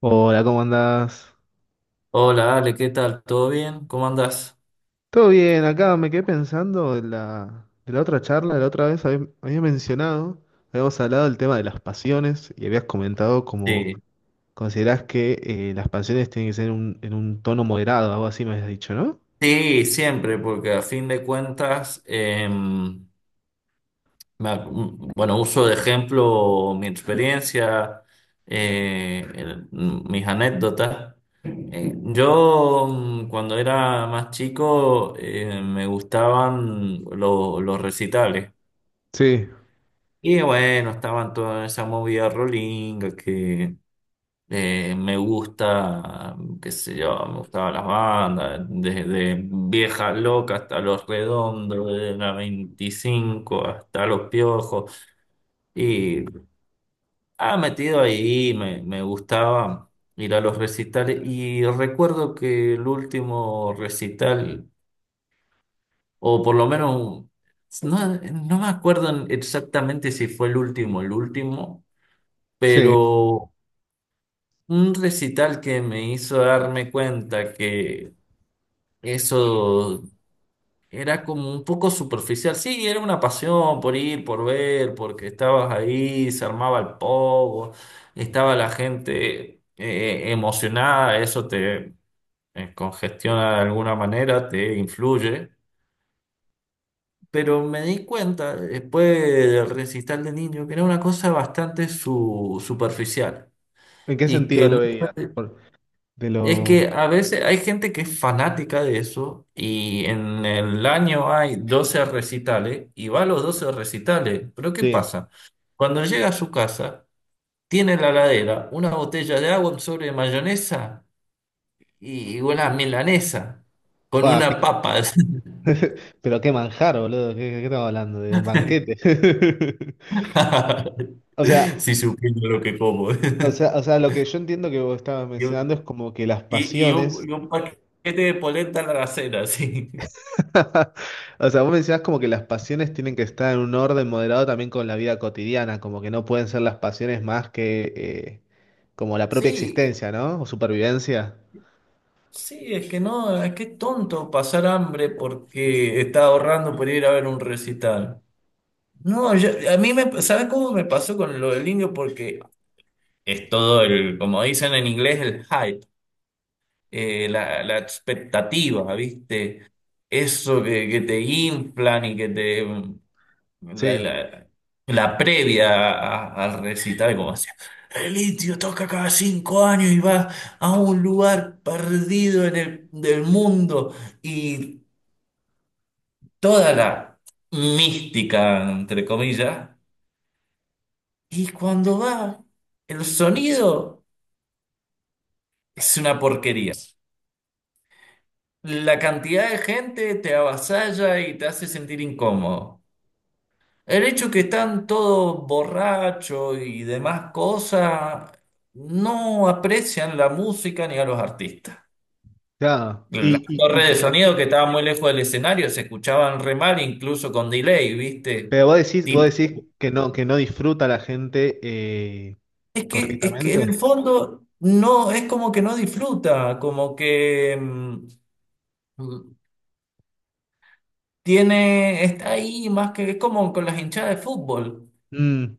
Hola, ¿cómo andás? Hola Ale, ¿qué tal? ¿Todo bien? ¿Cómo andás? Todo bien, acá me quedé pensando en la otra charla, de la otra vez habías mencionado, habíamos hablado del tema de las pasiones y habías comentado como Sí, considerás que las pasiones tienen que ser en un tono moderado, algo así me habías dicho, ¿no? sí, siempre, porque a fin de cuentas, bueno, uso de ejemplo mi experiencia, mis anécdotas. Yo cuando era más chico me gustaban los recitales. Sí, Y bueno, estaban toda esa movida rolinga que... Me gusta, qué sé yo, me gustaban las bandas, desde Vieja Loca hasta Los Redondos, de la 25 hasta Los Piojos. Y ha metido ahí, me gustaba ir a los recitales. Y recuerdo que el último recital, o por lo menos, no me acuerdo exactamente si fue el último, sí. pero un recital que me hizo darme cuenta que eso era como un poco superficial. Sí, era una pasión por ir, por ver, porque estabas ahí, se armaba el pogo, estaba la gente emocionada, eso te congestiona de alguna manera, te influye. Pero me di cuenta después del recital de niño que era una cosa bastante superficial ¿En qué y que sentido lo veías? muchas... de Es lo... que a veces hay gente que es fanática de eso y en el año hay 12 recitales y va a los 12 recitales. Pero ¿qué Sí. pasa? Cuando llega a su casa, tiene en la ladera una botella de agua, un sobre de mayonesa y una milanesa con Fua, una papa. Pero qué manjar, boludo, ¿qué estamos hablando? De un banquete. O sea, Si supiera lo que como. o sea, o sea, lo que yo entiendo que vos estabas Y mencionando es un, como que las y- y un- pasiones y un paquete de polenta a la cena, sí. O sea, vos mencionás como que las pasiones tienen que estar en un orden moderado también con la vida cotidiana, como que no pueden ser las pasiones más que como la propia Sí, existencia, ¿no? O supervivencia. sí, es que no, es que es tonto pasar hambre porque está ahorrando por ir a ver un recital. No, a mí me, ¿sabes cómo me pasó con lo del indio? Porque es todo el, como dicen en inglés, el hype, la expectativa, ¿viste? Eso que te inflan y que te la, Sí, la- la previa al recital, como decía, el litio toca cada 5 años y va a un lugar perdido en el, del mundo y toda la mística, entre comillas, y cuando va, el sonido es una porquería. La cantidad de gente te avasalla y te hace sentir incómodo. El hecho que están todos borrachos y demás cosas, no aprecian la música ni a los artistas. claro. Las Y torres de pero, sonido que estaban muy lejos del escenario se escuchaban re mal, incluso con delay, ¿viste? pero vos decís, Tipo, vos decís que no disfruta la gente es que en el correctamente. fondo no, es como que no disfruta, como que tiene, está ahí más que, es como con las hinchadas de fútbol. Mm,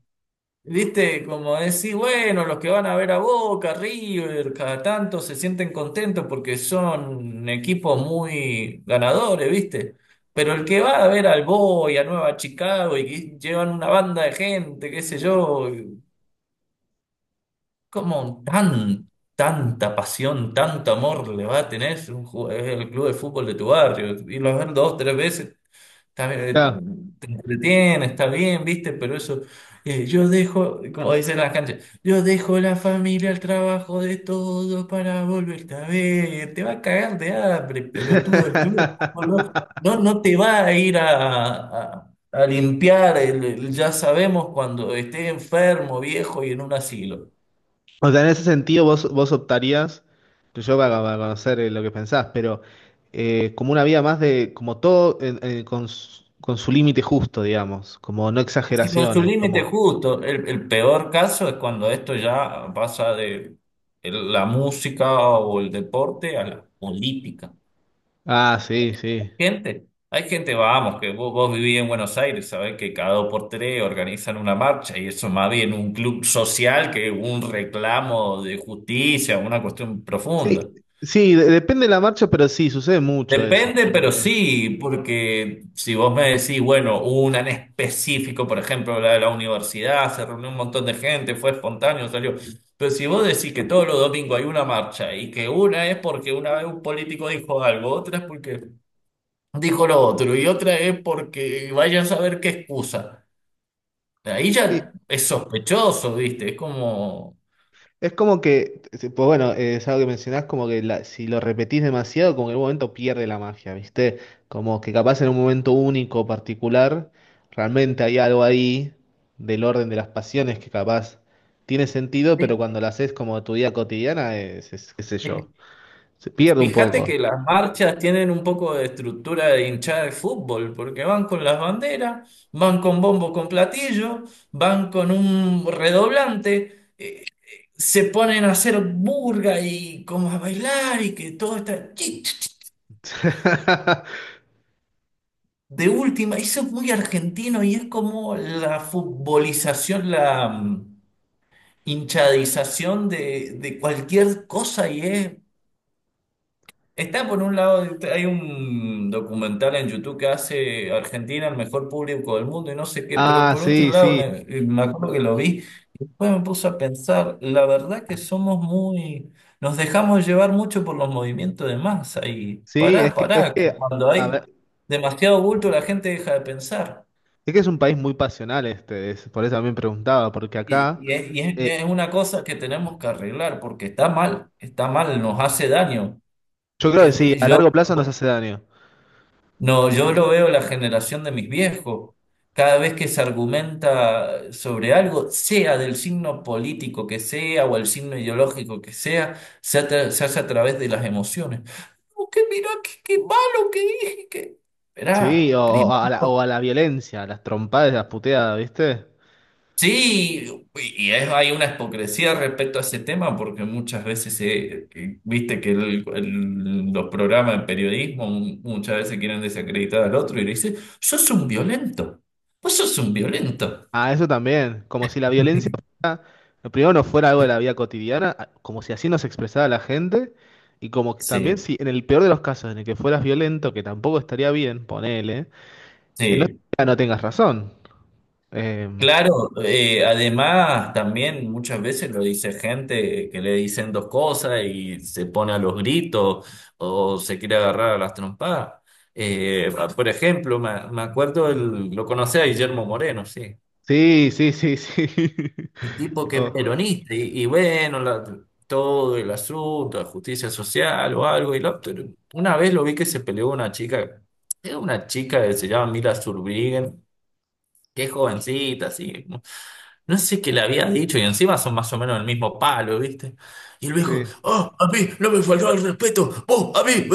Viste, como decir, bueno, los que van a ver a Boca, River, cada tanto se sienten contentos porque son equipos muy ganadores, ¿viste? Pero ¿el que va a ver al Boy, a Nueva Chicago y que llevan una banda de gente, qué sé yo, como tan, tanta pasión, tanto amor le va a tener un el club de fútbol de tu barrio? Y los ver dos, tres veces... Está claro. bien, te entretiene, está bien, viste, pero eso, yo dejo, como dicen las canchas, yo dejo la familia, el trabajo de todo para volverte a ver. Te va a cagar de hambre, pelotudo del club de fútbol. No, no, no te va a ir a- a limpiar el ya sabemos cuando esté enfermo, viejo y en un asilo. O sea, en ese sentido vos optarías, que yo para conocer lo que pensás, pero como una vida más de, como todo con su límite justo, digamos, como no Sí, con su exageraciones, límite como... justo. El peor caso es cuando esto ya pasa de la música o el deporte a la política. Ah, sí, sí. Gente, hay gente, vamos, que vos vivís en Buenos Aires, sabés que cada dos por tres organizan una marcha y eso más bien un club social que un reclamo de justicia, una cuestión Sí, profunda. sí, depende de la marcha, pero sí, sucede mucho eso. Depende, Como pero que, sí, porque si vos me decís, bueno, hubo una en específico, por ejemplo, la de la universidad, se reunió un montón de gente, fue espontáneo, salió. Pero si vos decís que todos los domingos hay una marcha y que una es porque una vez un político dijo algo, otra es porque dijo lo otro y otra es porque vaya a saber qué excusa. Ahí sí. ya es sospechoso, ¿viste? Es como... Es como que, pues bueno, es algo que mencionás, como que si lo repetís demasiado, como que en un momento pierde la magia, ¿viste? Como que capaz en un momento único, particular, realmente hay algo ahí del orden de las pasiones que capaz tiene sentido, pero cuando lo haces como tu vida cotidiana, es, qué sé yo, se pierde un Fíjate poco. que las marchas tienen un poco de estructura de hinchada de fútbol, porque van con las banderas, van con bombo con platillo, van con un redoblante, se ponen a hacer burga y como a bailar y que todo está chi, chi, chi, de última. Eso es muy argentino y es como la futbolización, la hinchadización de cualquier cosa y es... Está por un lado, hay un documental en YouTube que hace Argentina el mejor público del mundo y no sé qué, pero Ah, por otro sí, lado sí, me acuerdo que lo vi, después me puse a pensar, la verdad que somos muy, nos dejamos llevar mucho por los movimientos de masa y sí, es pará, que, es pará, que que, cuando a hay ver, demasiado bulto la gente deja de pensar. es que es un país muy pasional este, por eso también preguntaba, porque Y, acá... y es, y es- es eh, una cosa que tenemos que arreglar porque está mal, nos hace daño. Yo creo que sí, Es- a yo largo plazo nos hace daño. No, yo lo veo la generación de mis viejos. Cada vez que se argumenta sobre algo, sea del signo político que sea o el signo ideológico que sea, se hace a través de las emociones. No, que mira, qué malo que dije, que... Sí, Esperá, o a la violencia, a las trompadas, las puteadas, ¿viste? sí, hay una hipocresía respecto a ese tema porque muchas veces, viste que los programas de periodismo muchas veces quieren desacreditar al otro y le dicen, sos un violento, vos sos un violento. A eso también, como si la violencia fuera, primero no fuera algo de la vida cotidiana, como si así nos expresara la gente, y como que también Sí, si en el peor de los casos en el que fueras violento, que tampoco estaría bien, ponele, que no, sí, no tengas razón. Em, claro, además también muchas veces lo dice gente que le dicen dos cosas y se pone a los gritos o se quiere agarrar a las trompadas. Por ejemplo, me acuerdo, lo conocí a Guillermo Moreno, sí, sí, sí, sí, sí. un tipo que es Oh, peronista y bueno, todo el asunto de justicia social o algo. Y una vez lo vi que se peleó una chica, era una chica que se llama Mila Zurbriggen, que es jovencita, así. No sé qué le había dicho y encima son más o menos el mismo palo, ¿viste? Y el viejo, sí. oh, a mí no me faltó el respeto, vos, a mí. Eh.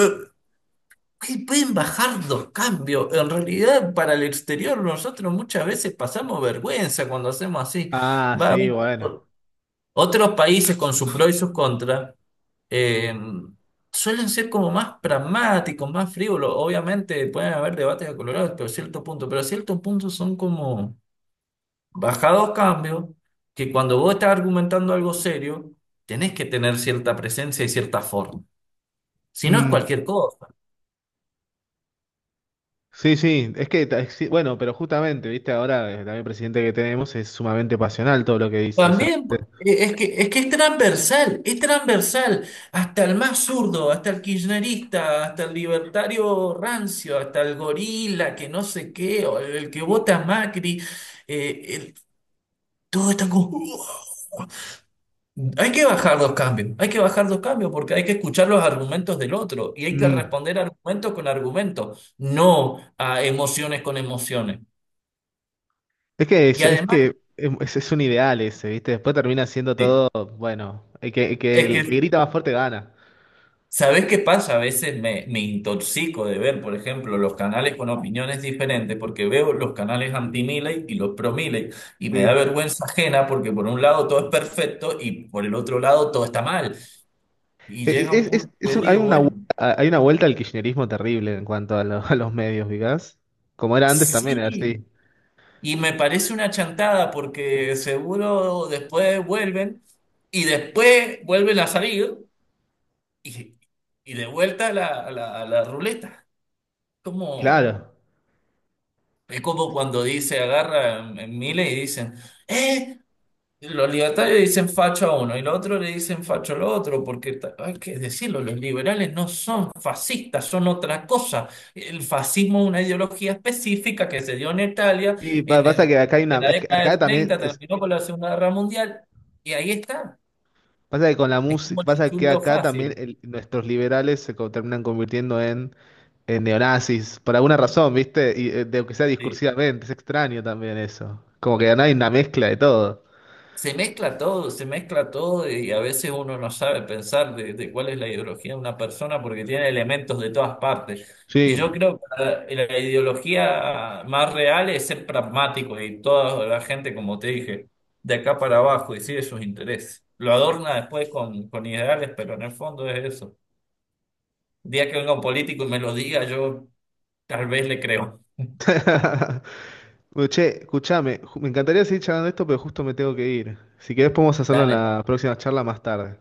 Ay, pueden bajar dos cambios. En realidad, para el exterior, nosotros muchas veces pasamos vergüenza cuando hacemos así. Ah, Va a sí, haber bueno. o- otros países con sus pros y sus contras. eh, Suelen ser como más pragmáticos, más frívolos. Obviamente pueden haber debates acolorados, pero a cierto punto. Pero a cierto punto son como... Bajado cambios que cuando vos estás argumentando algo serio, tenés que tener cierta presencia y cierta forma. Si no es Mm. cualquier cosa. Sí, sí, es que, sí, bueno, pero justamente, viste, ahora también el presidente que tenemos es sumamente pasional todo lo que dice. También es que es transversal, es transversal. Hasta el más zurdo, hasta el kirchnerista, hasta el libertario rancio, hasta el gorila, que no sé qué, o el que vota a Macri, eh, el- todos están como... Hay que bajar dos cambios, hay que bajar dos cambios porque hay que escuchar los argumentos del otro y hay que Mm. responder argumentos con argumentos, no a emociones con emociones. Es que, Y además, es un ideal ese, viste, después termina siendo eh, todo, bueno, el que, el que, es el que que, grita más fuerte gana. ¿sabés qué pasa? A veces me intoxico de ver, por ejemplo, los canales con opiniones diferentes porque veo los canales anti-Milei y los pro-Milei y me da Sí. vergüenza ajena porque por un lado todo es perfecto y por el otro lado todo está mal. Y llega un punto que Hay digo, una, bueno, hay una vuelta al kirchnerismo terrible en cuanto a, a los medios, ¿vicás? Como era antes también, era sí. así. Y me parece una chantada porque seguro después vuelven y después vuelven a salir y, y de vuelta a la, a la ruleta. Como, Claro. es como cuando dice, agarra en, miles y dicen, ¡eh! Los libertarios dicen facho a uno y los otros le dicen facho al otro, porque hay que decirlo, los liberales no son fascistas, son otra cosa. El fascismo es una ideología específica que se dio en Italia en Pasa el- que acá hay de una, la es que década acá del también 30, terminó con la Segunda Guerra Mundial, y ahí está. pasa que con la Es como música, el pasa que insulto acá también fácil. Nuestros liberales terminan convirtiendo en neonazis, por alguna razón, ¿viste? Y de que sea Sí. discursivamente, es extraño también eso. Como que no hay una mezcla de todo. Se mezcla todo y a veces uno no sabe pensar de cuál es la ideología de una persona porque tiene elementos de todas partes. Y yo Sí. creo que la ideología más real es ser pragmático y toda la gente, como te dije, de acá para abajo y sigue sus intereses. Lo adorna después con ideales, pero en el fondo es eso. El día que venga un político y me lo diga, yo tal vez le creo. Bueno, che, escúchame, me encantaría seguir charlando de esto, pero justo me tengo que ir. Si querés podemos hacerlo en Dale. la próxima charla más tarde.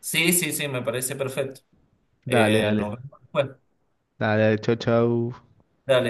Sí, sí, sí, me parece perfecto. Dale, Nos dale. vemos después. Dale, chau, chau. Dale.